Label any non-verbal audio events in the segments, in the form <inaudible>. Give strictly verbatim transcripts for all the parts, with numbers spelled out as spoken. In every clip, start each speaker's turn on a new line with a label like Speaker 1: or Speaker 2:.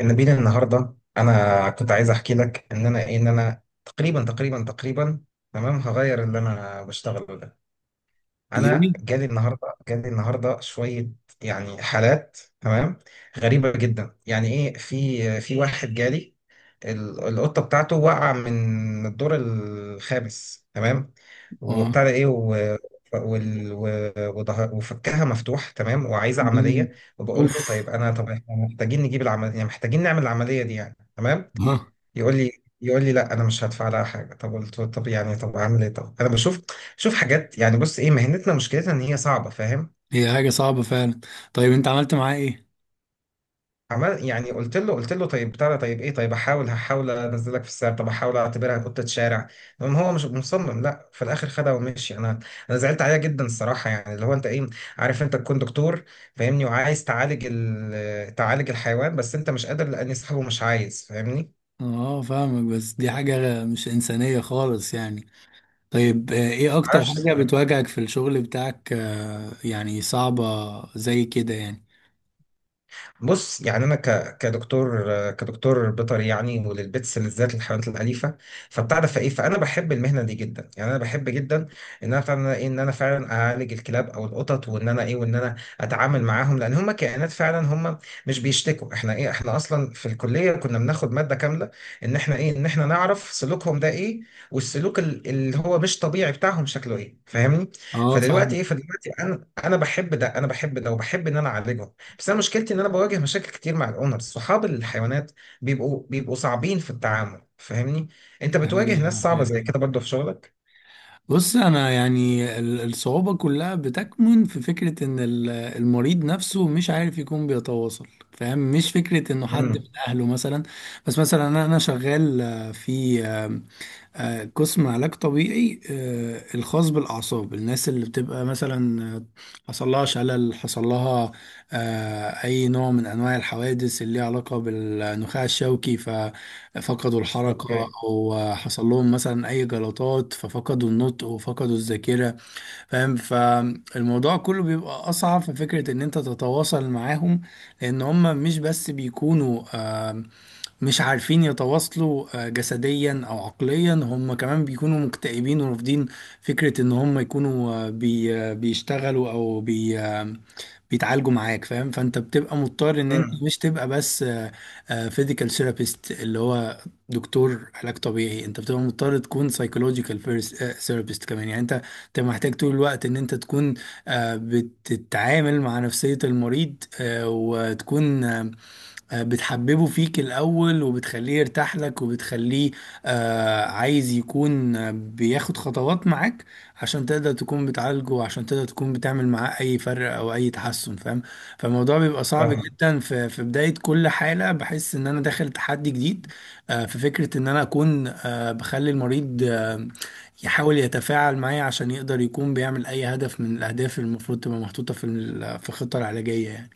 Speaker 1: نبيل، النهارده انا كنت عايز احكي لك ان انا ايه ان انا تقريبا تقريبا تقريبا تمام، هغير اللي انا بشتغله ده. انا
Speaker 2: ليه؟
Speaker 1: جالي النهارده جالي النهارده شويه يعني حالات، تمام، غريبه جدا. يعني ايه، في في واحد جالي، ال- القطه بتاعته وقع من الدور الخامس، تمام، وبتاع
Speaker 2: اه.
Speaker 1: ده ايه و... وال... و... وده... وفكها مفتوح، تمام، وعايزه
Speaker 2: مم.
Speaker 1: عمليه. وبقول
Speaker 2: اوف.
Speaker 1: له طيب، انا طب احنا محتاجين نجيب العمليه، يعني محتاجين نعمل العمليه دي، يعني تمام.
Speaker 2: ها.
Speaker 1: يقول لي يقول لي لا انا مش هدفع لها حاجه. طب قلت له، طب يعني، طب اعمل ايه؟ طب انا بشوف شوف حاجات، يعني بص ايه، مهنتنا مشكلتها ان هي صعبه، فاهم؟
Speaker 2: هي حاجة صعبة فعلا. طيب انت عملت معاه ايه؟
Speaker 1: عمل يعني، قلت له قلت له طيب بتاع ده، طيب ايه، طيب احاول، هحاول انزلك في السعر، طب احاول اعتبرها قطه شارع. المهم هو مش مصمم، لا، في الاخر خدها ومشي انا. انا زعلت عليها جدا الصراحه، يعني اللي هو انت ايه، عارف، انت تكون دكتور فاهمني وعايز تعالج ال... تعالج الحيوان بس انت مش قادر لان صاحبه مش عايز، فاهمني؟
Speaker 2: اه، فاهمك، بس دي حاجة مش انسانية خالص يعني. طيب آه، ايه اكتر
Speaker 1: معرفش
Speaker 2: حاجة
Speaker 1: الصراحة.
Speaker 2: بتواجهك في الشغل بتاعك، آه، يعني صعبة زي كده يعني؟
Speaker 1: بص يعني، انا ك... كدكتور كدكتور بيطري، يعني وللبيتس بالذات، للحيوانات الاليفه. فبتاع ده، فايه، فانا بحب المهنه دي جدا، يعني انا بحب جدا ان انا بتاع ده ايه ان انا فعلا اعالج الكلاب او القطط، وان انا ايه وان انا اتعامل معاهم، لان هم كائنات فعلا، هم مش بيشتكوا. احنا ايه احنا اصلا في الكليه كنا بناخد ماده كامله ان احنا ايه ان احنا نعرف سلوكهم ده ايه، والسلوك ال- اللي هو مش طبيعي بتاعهم شكله ايه، فاهمني؟
Speaker 2: اه فاهم.
Speaker 1: فدلوقتي ايه فدلوقتي انا انا بحب ده، انا بحب ده وبحب ان انا اعالجهم. بس انا مشكلتي ان انا بواجه مشاكل كتير مع الاونرز، صحاب الحيوانات، بيبقوا بيبقوا صعبين في التعامل، فاهمني؟ انت
Speaker 2: حاجة
Speaker 1: بتواجه ناس
Speaker 2: حاجة
Speaker 1: صعبة زي كده
Speaker 2: حقيقية.
Speaker 1: برضه في شغلك؟
Speaker 2: بص، انا يعني ال- الصعوبة كلها بتكمن في فكرة ان ال- المريض نفسه مش عارف يكون بيتواصل، فاهم؟ مش فكرة انه حد من
Speaker 1: امم.
Speaker 2: اهله مثلا. بس مثلا انا أنا شغال آه، في آه، قسم علاج طبيعي آه، الخاص بالأعصاب. الناس اللي بتبقى مثلا آه، حصل لها شلل، حصل لها آه، أي نوع من أنواع الحوادث اللي ليها علاقة بالنخاع الشوكي ففقدوا الحركة.
Speaker 1: اوكي.
Speaker 2: أو آه، حصل لهم مثلا أي جلطات ففقدوا النطق وفقدوا الذاكرة، فاهم؟ فالموضوع كله بيبقى أصعب في فكرة إن أنت تتواصل معاهم، لأن هم مش بس بيكونوا مش عارفين يتواصلوا آه، جسديا او عقليا، هم كمان بيكونوا مكتئبين ورافضين فكرة ان هم يكونوا آه، بي آه، بيشتغلوا او بي آه، بيتعالجوا معاك، فاهم؟ فانت بتبقى مضطر ان انت مش تبقى بس فيزيكال ثيرابيست اللي هو دكتور علاج طبيعي. انت بتبقى مضطر تكون سايكولوجيكال ثيرابيست كمان يعني. انت انت محتاج طول الوقت ان انت تكون آه، بتتعامل مع نفسية المريض، آه، وتكون آه، آه، بتحببه فيك الأول وبتخليه يرتاح لك وبتخليه آه، عايز يكون آه، بياخد خطوات معاك، عشان تقدر تكون بتعالجه وعشان تقدر تكون بتعمل معاه أي فرق أو أي تحسن، فاهم؟ فالموضوع بيبقى صعب
Speaker 1: امم.
Speaker 2: جدا. في في بداية كل حالة بحس إن أنا داخل تحدي جديد، آه، في فكرة إن أنا أكون آه، بخلي المريض آه، يحاول يتفاعل معايا عشان يقدر يكون بيعمل أي هدف من الأهداف اللي المفروض تبقى محطوطة في ال- في الخطة العلاجية يعني.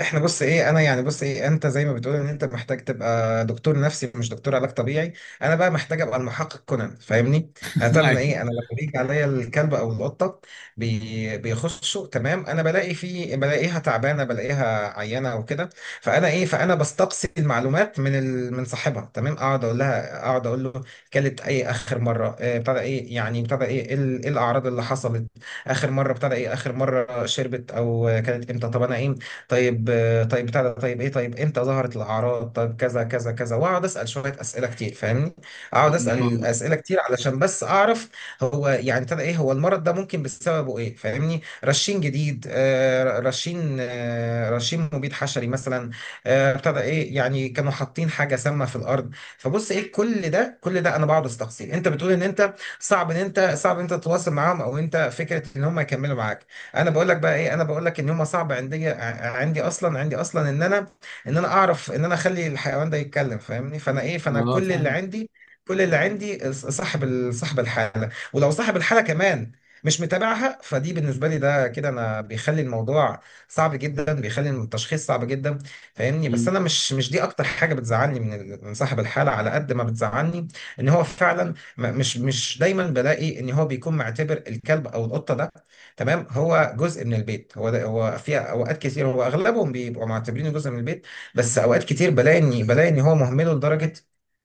Speaker 1: احنا بص ايه، انا يعني، بص ايه، انت زي ما بتقول ان انت محتاج تبقى دكتور نفسي مش دكتور علاج طبيعي، انا بقى محتاج ابقى المحقق كونان، فاهمني؟
Speaker 2: <laughs>
Speaker 1: انا انا
Speaker 2: أيوة.
Speaker 1: ايه انا لما بيجي عليا الكلب او القطه بي بيخشوا، تمام، انا بلاقي في بلاقيها تعبانه، بلاقيها عيانه او كده. فانا ايه فانا بستقصي المعلومات من ال... من صاحبها، تمام، اقعد اقول لها، اقعد اقول له، كلت ايه اخر مره، آه، ابتدى ايه، يعني ابتدى ايه ايه ال- إيه الاعراض اللي حصلت، اخر مره ابتدى ايه، اخر مره شربت او آه، كلت امتى، طب انا ايه، طيب آه، طيب بتاع ده، طيب ايه، طيب امتى ظهرت الاعراض، طيب كذا كذا كذا، واقعد اسال شويه اسئله كتير، فاهمني؟ اقعد
Speaker 2: أنا
Speaker 1: اسال مم.
Speaker 2: فاهمك.
Speaker 1: اسئله كتير علشان بس اعرف هو يعني ابتدى ايه، هو المرض ده ممكن بسببه ايه، فاهمني، رشين جديد، آه، رشين، آه، رشين مبيد حشري مثلا، آه، ابتدى ايه، يعني كانوا حاطين حاجه سامه في الارض. فبص ايه، كل ده كل ده انا بقعد استقصي. انت بتقول ان انت صعب ان انت صعب ان انت تتواصل معاهم، او انت فكره ان هم يكملوا معاك. انا بقول لك بقى ايه، انا بقول لك ان هما صعب عندي، ع- عندي اصلا عندي اصلا ان انا ان انا اعرف ان انا اخلي الحيوان ده يتكلم، فاهمني؟ فانا ايه فانا
Speaker 2: اه
Speaker 1: كل اللي
Speaker 2: فاهم.
Speaker 1: عندي، كل اللي عندي ص- صاحب ال- صاحب الحاله، ولو صاحب الحاله كمان مش متابعها، فدي بالنسبه لي، ده كده انا بيخلي الموضوع صعب جدا، بيخلي التشخيص صعب جدا، فاهمني؟ بس
Speaker 2: مم.
Speaker 1: انا مش مش دي اكتر حاجه بتزعلني من ال- من صاحب الحاله، على قد ما بتزعلني ان هو فعلا م- مش مش دايما بلاقي ان هو بيكون معتبر الكلب او القطه ده، تمام، هو جزء من البيت. هو ده هو في اوقات كتير هو اغلبهم بيبقوا معتبرينه جزء من البيت، بس اوقات كتير بلاقي ان بلاقي ان هو مهمله لدرجه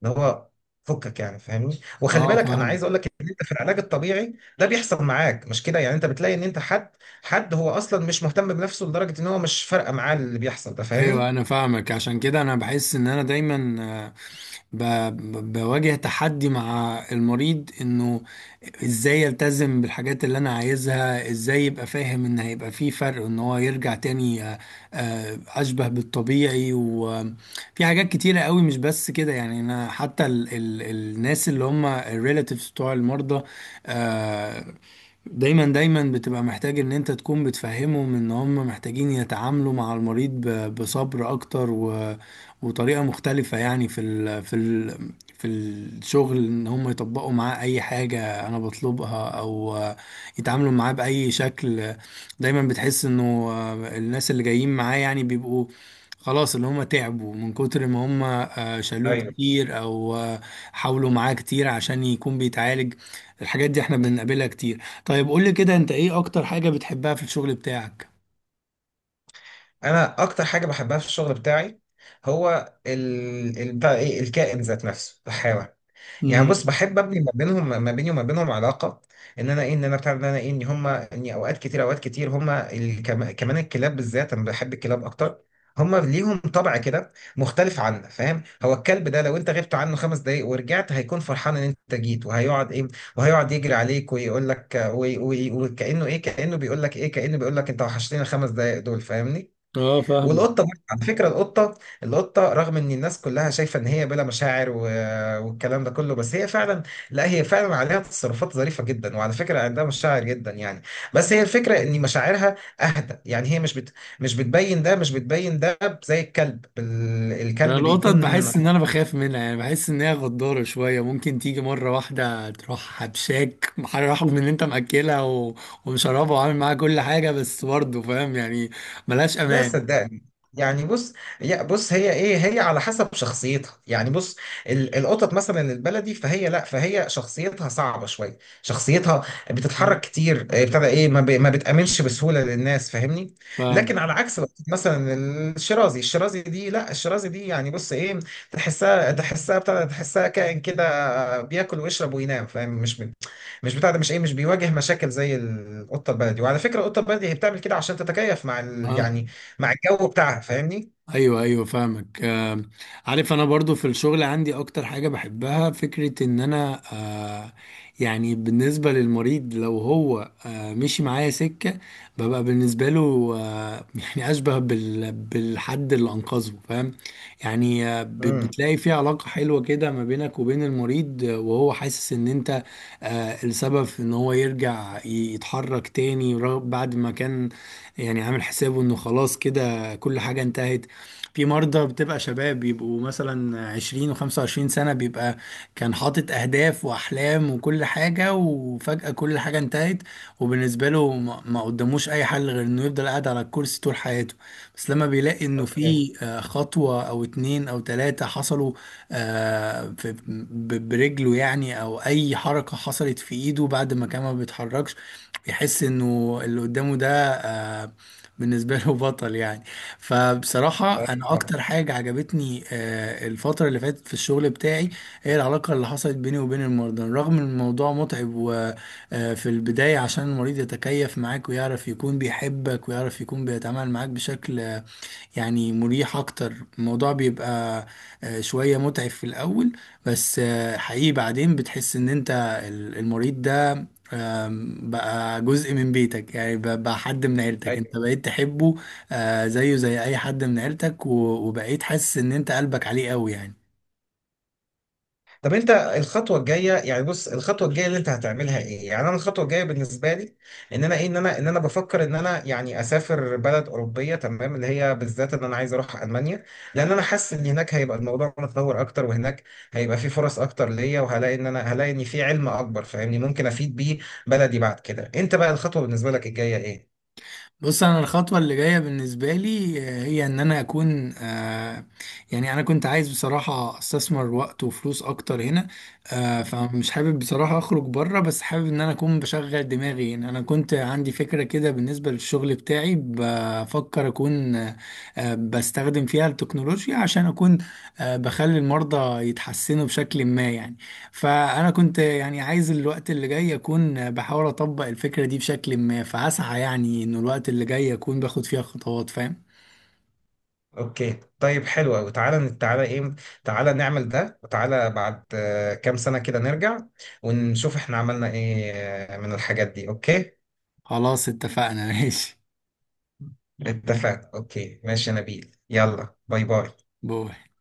Speaker 1: ان هو فكك، يعني فاهمني، وخلي
Speaker 2: اه
Speaker 1: بالك انا عايز
Speaker 2: فاهم.
Speaker 1: اقول لك ان انت في العلاج الطبيعي ده بيحصل معاك، مش كده؟ يعني انت بتلاقي ان انت حد حد هو اصلا مش مهتم بنفسه، لدرجه ان هو مش فارقه معاه اللي بيحصل ده،
Speaker 2: ايوه
Speaker 1: فاهمني؟
Speaker 2: انا فاهمك. عشان كده انا بحس ان انا دايما آه، ب... ب- بواجه تحدي مع المريض، انه ازاي يلتزم بالحاجات اللي انا عايزها، ازاي يبقى فاهم ان هيبقى في فرق ان هو يرجع تاني آه، آه، اشبه بالطبيعي. وفي حاجات كتيرة قوي مش بس كده يعني. انا حتى ال... ال... الناس اللي هم الريلاتيفز بتوع المرضى آه، دايما دايما بتبقى محتاج ان انت تكون بتفهمهم ان هم محتاجين يتعاملوا مع المريض ب- بصبر اكتر و... وطريقة مختلفة، يعني في ال... في ال... في الشغل ان هم يطبقوا معاه اي حاجة انا بطلبها او يتعاملوا معاه بأي شكل. دايما بتحس انه الناس اللي جايين معاه يعني بيبقوا خلاص، اللي هم تعبوا من كتر ما هم آه، شالوه
Speaker 1: ايوه.
Speaker 2: كتير او آه، حاولوا معاه كتير عشان يكون بيتعالج. الحاجات دي احنا بنقابلها كتير. طيب قول لي كده، انت ايه اكتر حاجة بتحبها في الشغل بتاعك؟
Speaker 1: انا اكتر حاجه بحبها في الشغل بتاعي هو ال... ال... بتاع ايه، الكائن ذات نفسه، الحيوان. يعني بص،
Speaker 2: امم.
Speaker 1: بحب ابني ما بينهم ما بيني وما بينهم علاقه، ان انا ايه، ان انا بتاع ان انا ايه ان هم اني اوقات كتير، اوقات كتير هم الكم... كمان الكلاب بالذات، انا بحب الكلاب اكتر، هم ليهم طبع كده مختلف عنا، فاهم؟ هو الكلب ده لو انت غبت عنه خمس دقايق ورجعت هيكون فرحان ان انت جيت، وهيقعد ايه، وهيقعد يجري عليك ويقول لك، وي- وي- وكانه ايه، كانه بيقول لك ايه كانه بيقول لك انت وحشتني الخمس دقايق دول، فاهمني؟
Speaker 2: اه فاهمه.
Speaker 1: والقطه برضه، على فكره، القطه القطه، رغم ان الناس كلها شايفه ان هي بلا مشاعر و... والكلام ده كله، بس هي فعلا لا هي فعلا عليها تصرفات ظريفه جدا، وعلى فكره عندها مشاعر جدا يعني، بس هي الفكره ان مشاعرها اهدى، يعني هي مش بت... مش بتبين ده، مش بتبين ده زي الكلب ال...
Speaker 2: انا
Speaker 1: الكلب
Speaker 2: القطط
Speaker 1: بيكون.
Speaker 2: بحس ان انا بخاف منها يعني، بحس ان هي غدارة شوية، ممكن تيجي مرة واحدة تروح حبشاك رغم ان انت مأكلها و... ومشربها وعامل معاها كل حاجة، بس برضه فاهم يعني، ملهاش
Speaker 1: لا
Speaker 2: امان.
Speaker 1: صدقني، يعني بص، يا بص هي ايه، هي على حسب شخصيتها، يعني بص، ال- القطط مثلا البلدي، فهي لا فهي شخصيتها صعبة شوية، شخصيتها
Speaker 2: مم.
Speaker 1: بتتحرك كتير، آه، ابتدى ايه ما, ب... ما بتأمنش بسهولة للناس، فاهمني؟ لكن على عكس القطط مثلا، الشرازي الشرازي دي لا الشرازي دي، يعني بص ايه، تحسها تحسها ابتدى تحسها كائن كده بياكل ويشرب وينام، فاهم؟ مش ب... مش بتاع ده مش ايه مش بيواجه مشاكل زي القطة البلدي، وعلى فكرة القطة البلدي هي بتعمل كده عشان تتكيف مع ال...
Speaker 2: فاهم.
Speaker 1: يعني مع الجو بتاعها، فاهمني؟
Speaker 2: ايوه ايوه فاهمك. آم، عارف انا برضو في الشغل عندي اكتر حاجة بحبها فكرة ان انا، آه، يعني بالنسبة للمريض لو هو آه، مشي معايا سكة، ببقى بالنسبة له آه، <laughs> يعني اشبه بال بالحد اللي انقذه، فاهم؟ يعني آه، ب-
Speaker 1: امم.
Speaker 2: بتلاقي في علاقة حلوة كده ما بينك وبين المريض، آه، وهو حاسس ان انت آه، السبب في ان هو يرجع ي- يتحرك تاني، رغم- بعد ما كان يعني عامل حسابه انه خلاص كده كل حاجة انتهت. في مرضى بتبقى شباب، بيبقوا مثلا عشرين وخمسة وعشرين سنة، بيبقى كان حاطط أهداف وأحلام وكل حاجة وفجأة كل حاجة انتهت. وبالنسبة له ما ما قدموش أي حل غير إنه يفضل قاعد على الكرسي طول حياته. بس لما بيلاقي إنه
Speaker 1: اوكي.
Speaker 2: في آه، خطوة أو اتنين أو تلاتة حصلوا آه، في- ب- برجله يعني، أو أي حركة حصلت في إيده بعد ما كان ما بيتحركش، يحس إنه اللي قدامه ده آه، بالنسبة له بطل يعني. فبصراحة أنا
Speaker 1: ايوه،
Speaker 2: أكتر حاجة عجبتني آه، الفترة اللي فاتت في الشغل بتاعي هي العلاقة اللي حصلت بيني وبين المرضى، رغم إن الموضوع متعب. وفي البداية عشان المريض يتكيف معاك ويعرف يكون بيحبك ويعرف يكون بيتعامل معاك بشكل آه، يعني مريح أكتر، الموضوع بيبقى آه، شوية متعب في الأول، بس آه، حقيقي بعدين بتحس إن أنت ال- المريض ده آم، بقى جزء من بيتك يعني، ب- بقى حد من عيلتك انت
Speaker 1: ايوه.
Speaker 2: بقيت تحبه، آه، زيه زي اي حد من عيلتك و- وبقيت حاسس ان انت قلبك عليه قوي يعني.
Speaker 1: طب انت الخطوه الجايه، يعني بص، الخطوه الجايه اللي انت هتعملها ايه؟ يعني انا الخطوه الجايه بالنسبه لي، ان انا ايه ان انا ان انا بفكر ان انا يعني اسافر بلد اوروبيه، تمام، اللي هي بالذات ان انا عايز اروح المانيا، لان انا حاسس ان هناك هيبقى الموضوع متطور اكتر، وهناك هيبقى في فرص اكتر ليا، وهلاقي ان انا هلاقي ان في علم اكبر، فاهمني، ممكن افيد بيه بلدي بعد كده. انت بقى الخطوه بالنسبه لك الجايه ايه؟
Speaker 2: بص، انا الخطوه اللي جايه بالنسبه لي آه، هي ان انا اكون، آه، يعني انا كنت عايز بصراحه استثمر وقت وفلوس اكتر هنا، آه، فمش حابب بصراحه اخرج بره، بس حابب ان انا اكون بشغل دماغي هنا. انا كنت عندي فكره كده بالنسبه للشغل بتاعي، بفكر اكون آه، آه، بستخدم فيها التكنولوجيا عشان اكون آه، بخلي المرضى يتحسنوا بشكل ما يعني. فأنا كنت يعني عايز الوقت اللي جاي أكون بحاول أطبق الفكرة دي بشكل ما، فأسعى يعني إنه الوقت اللي جاي أكون باخد فيها خطوات، فاهم؟
Speaker 1: اوكي، طيب حلو قوي، تعالى، تعالى ايه تعالى نعمل ده، وتعالى بعد آه، كام سنة كده نرجع ونشوف احنا عملنا ايه آه، من الحاجات دي، اوكي.
Speaker 2: خلاص، اتفقنا. <laughs> ماشي.
Speaker 1: مهم. اتفقنا، اوكي، ماشي يا نبيل، يلا باي باي.
Speaker 2: بو.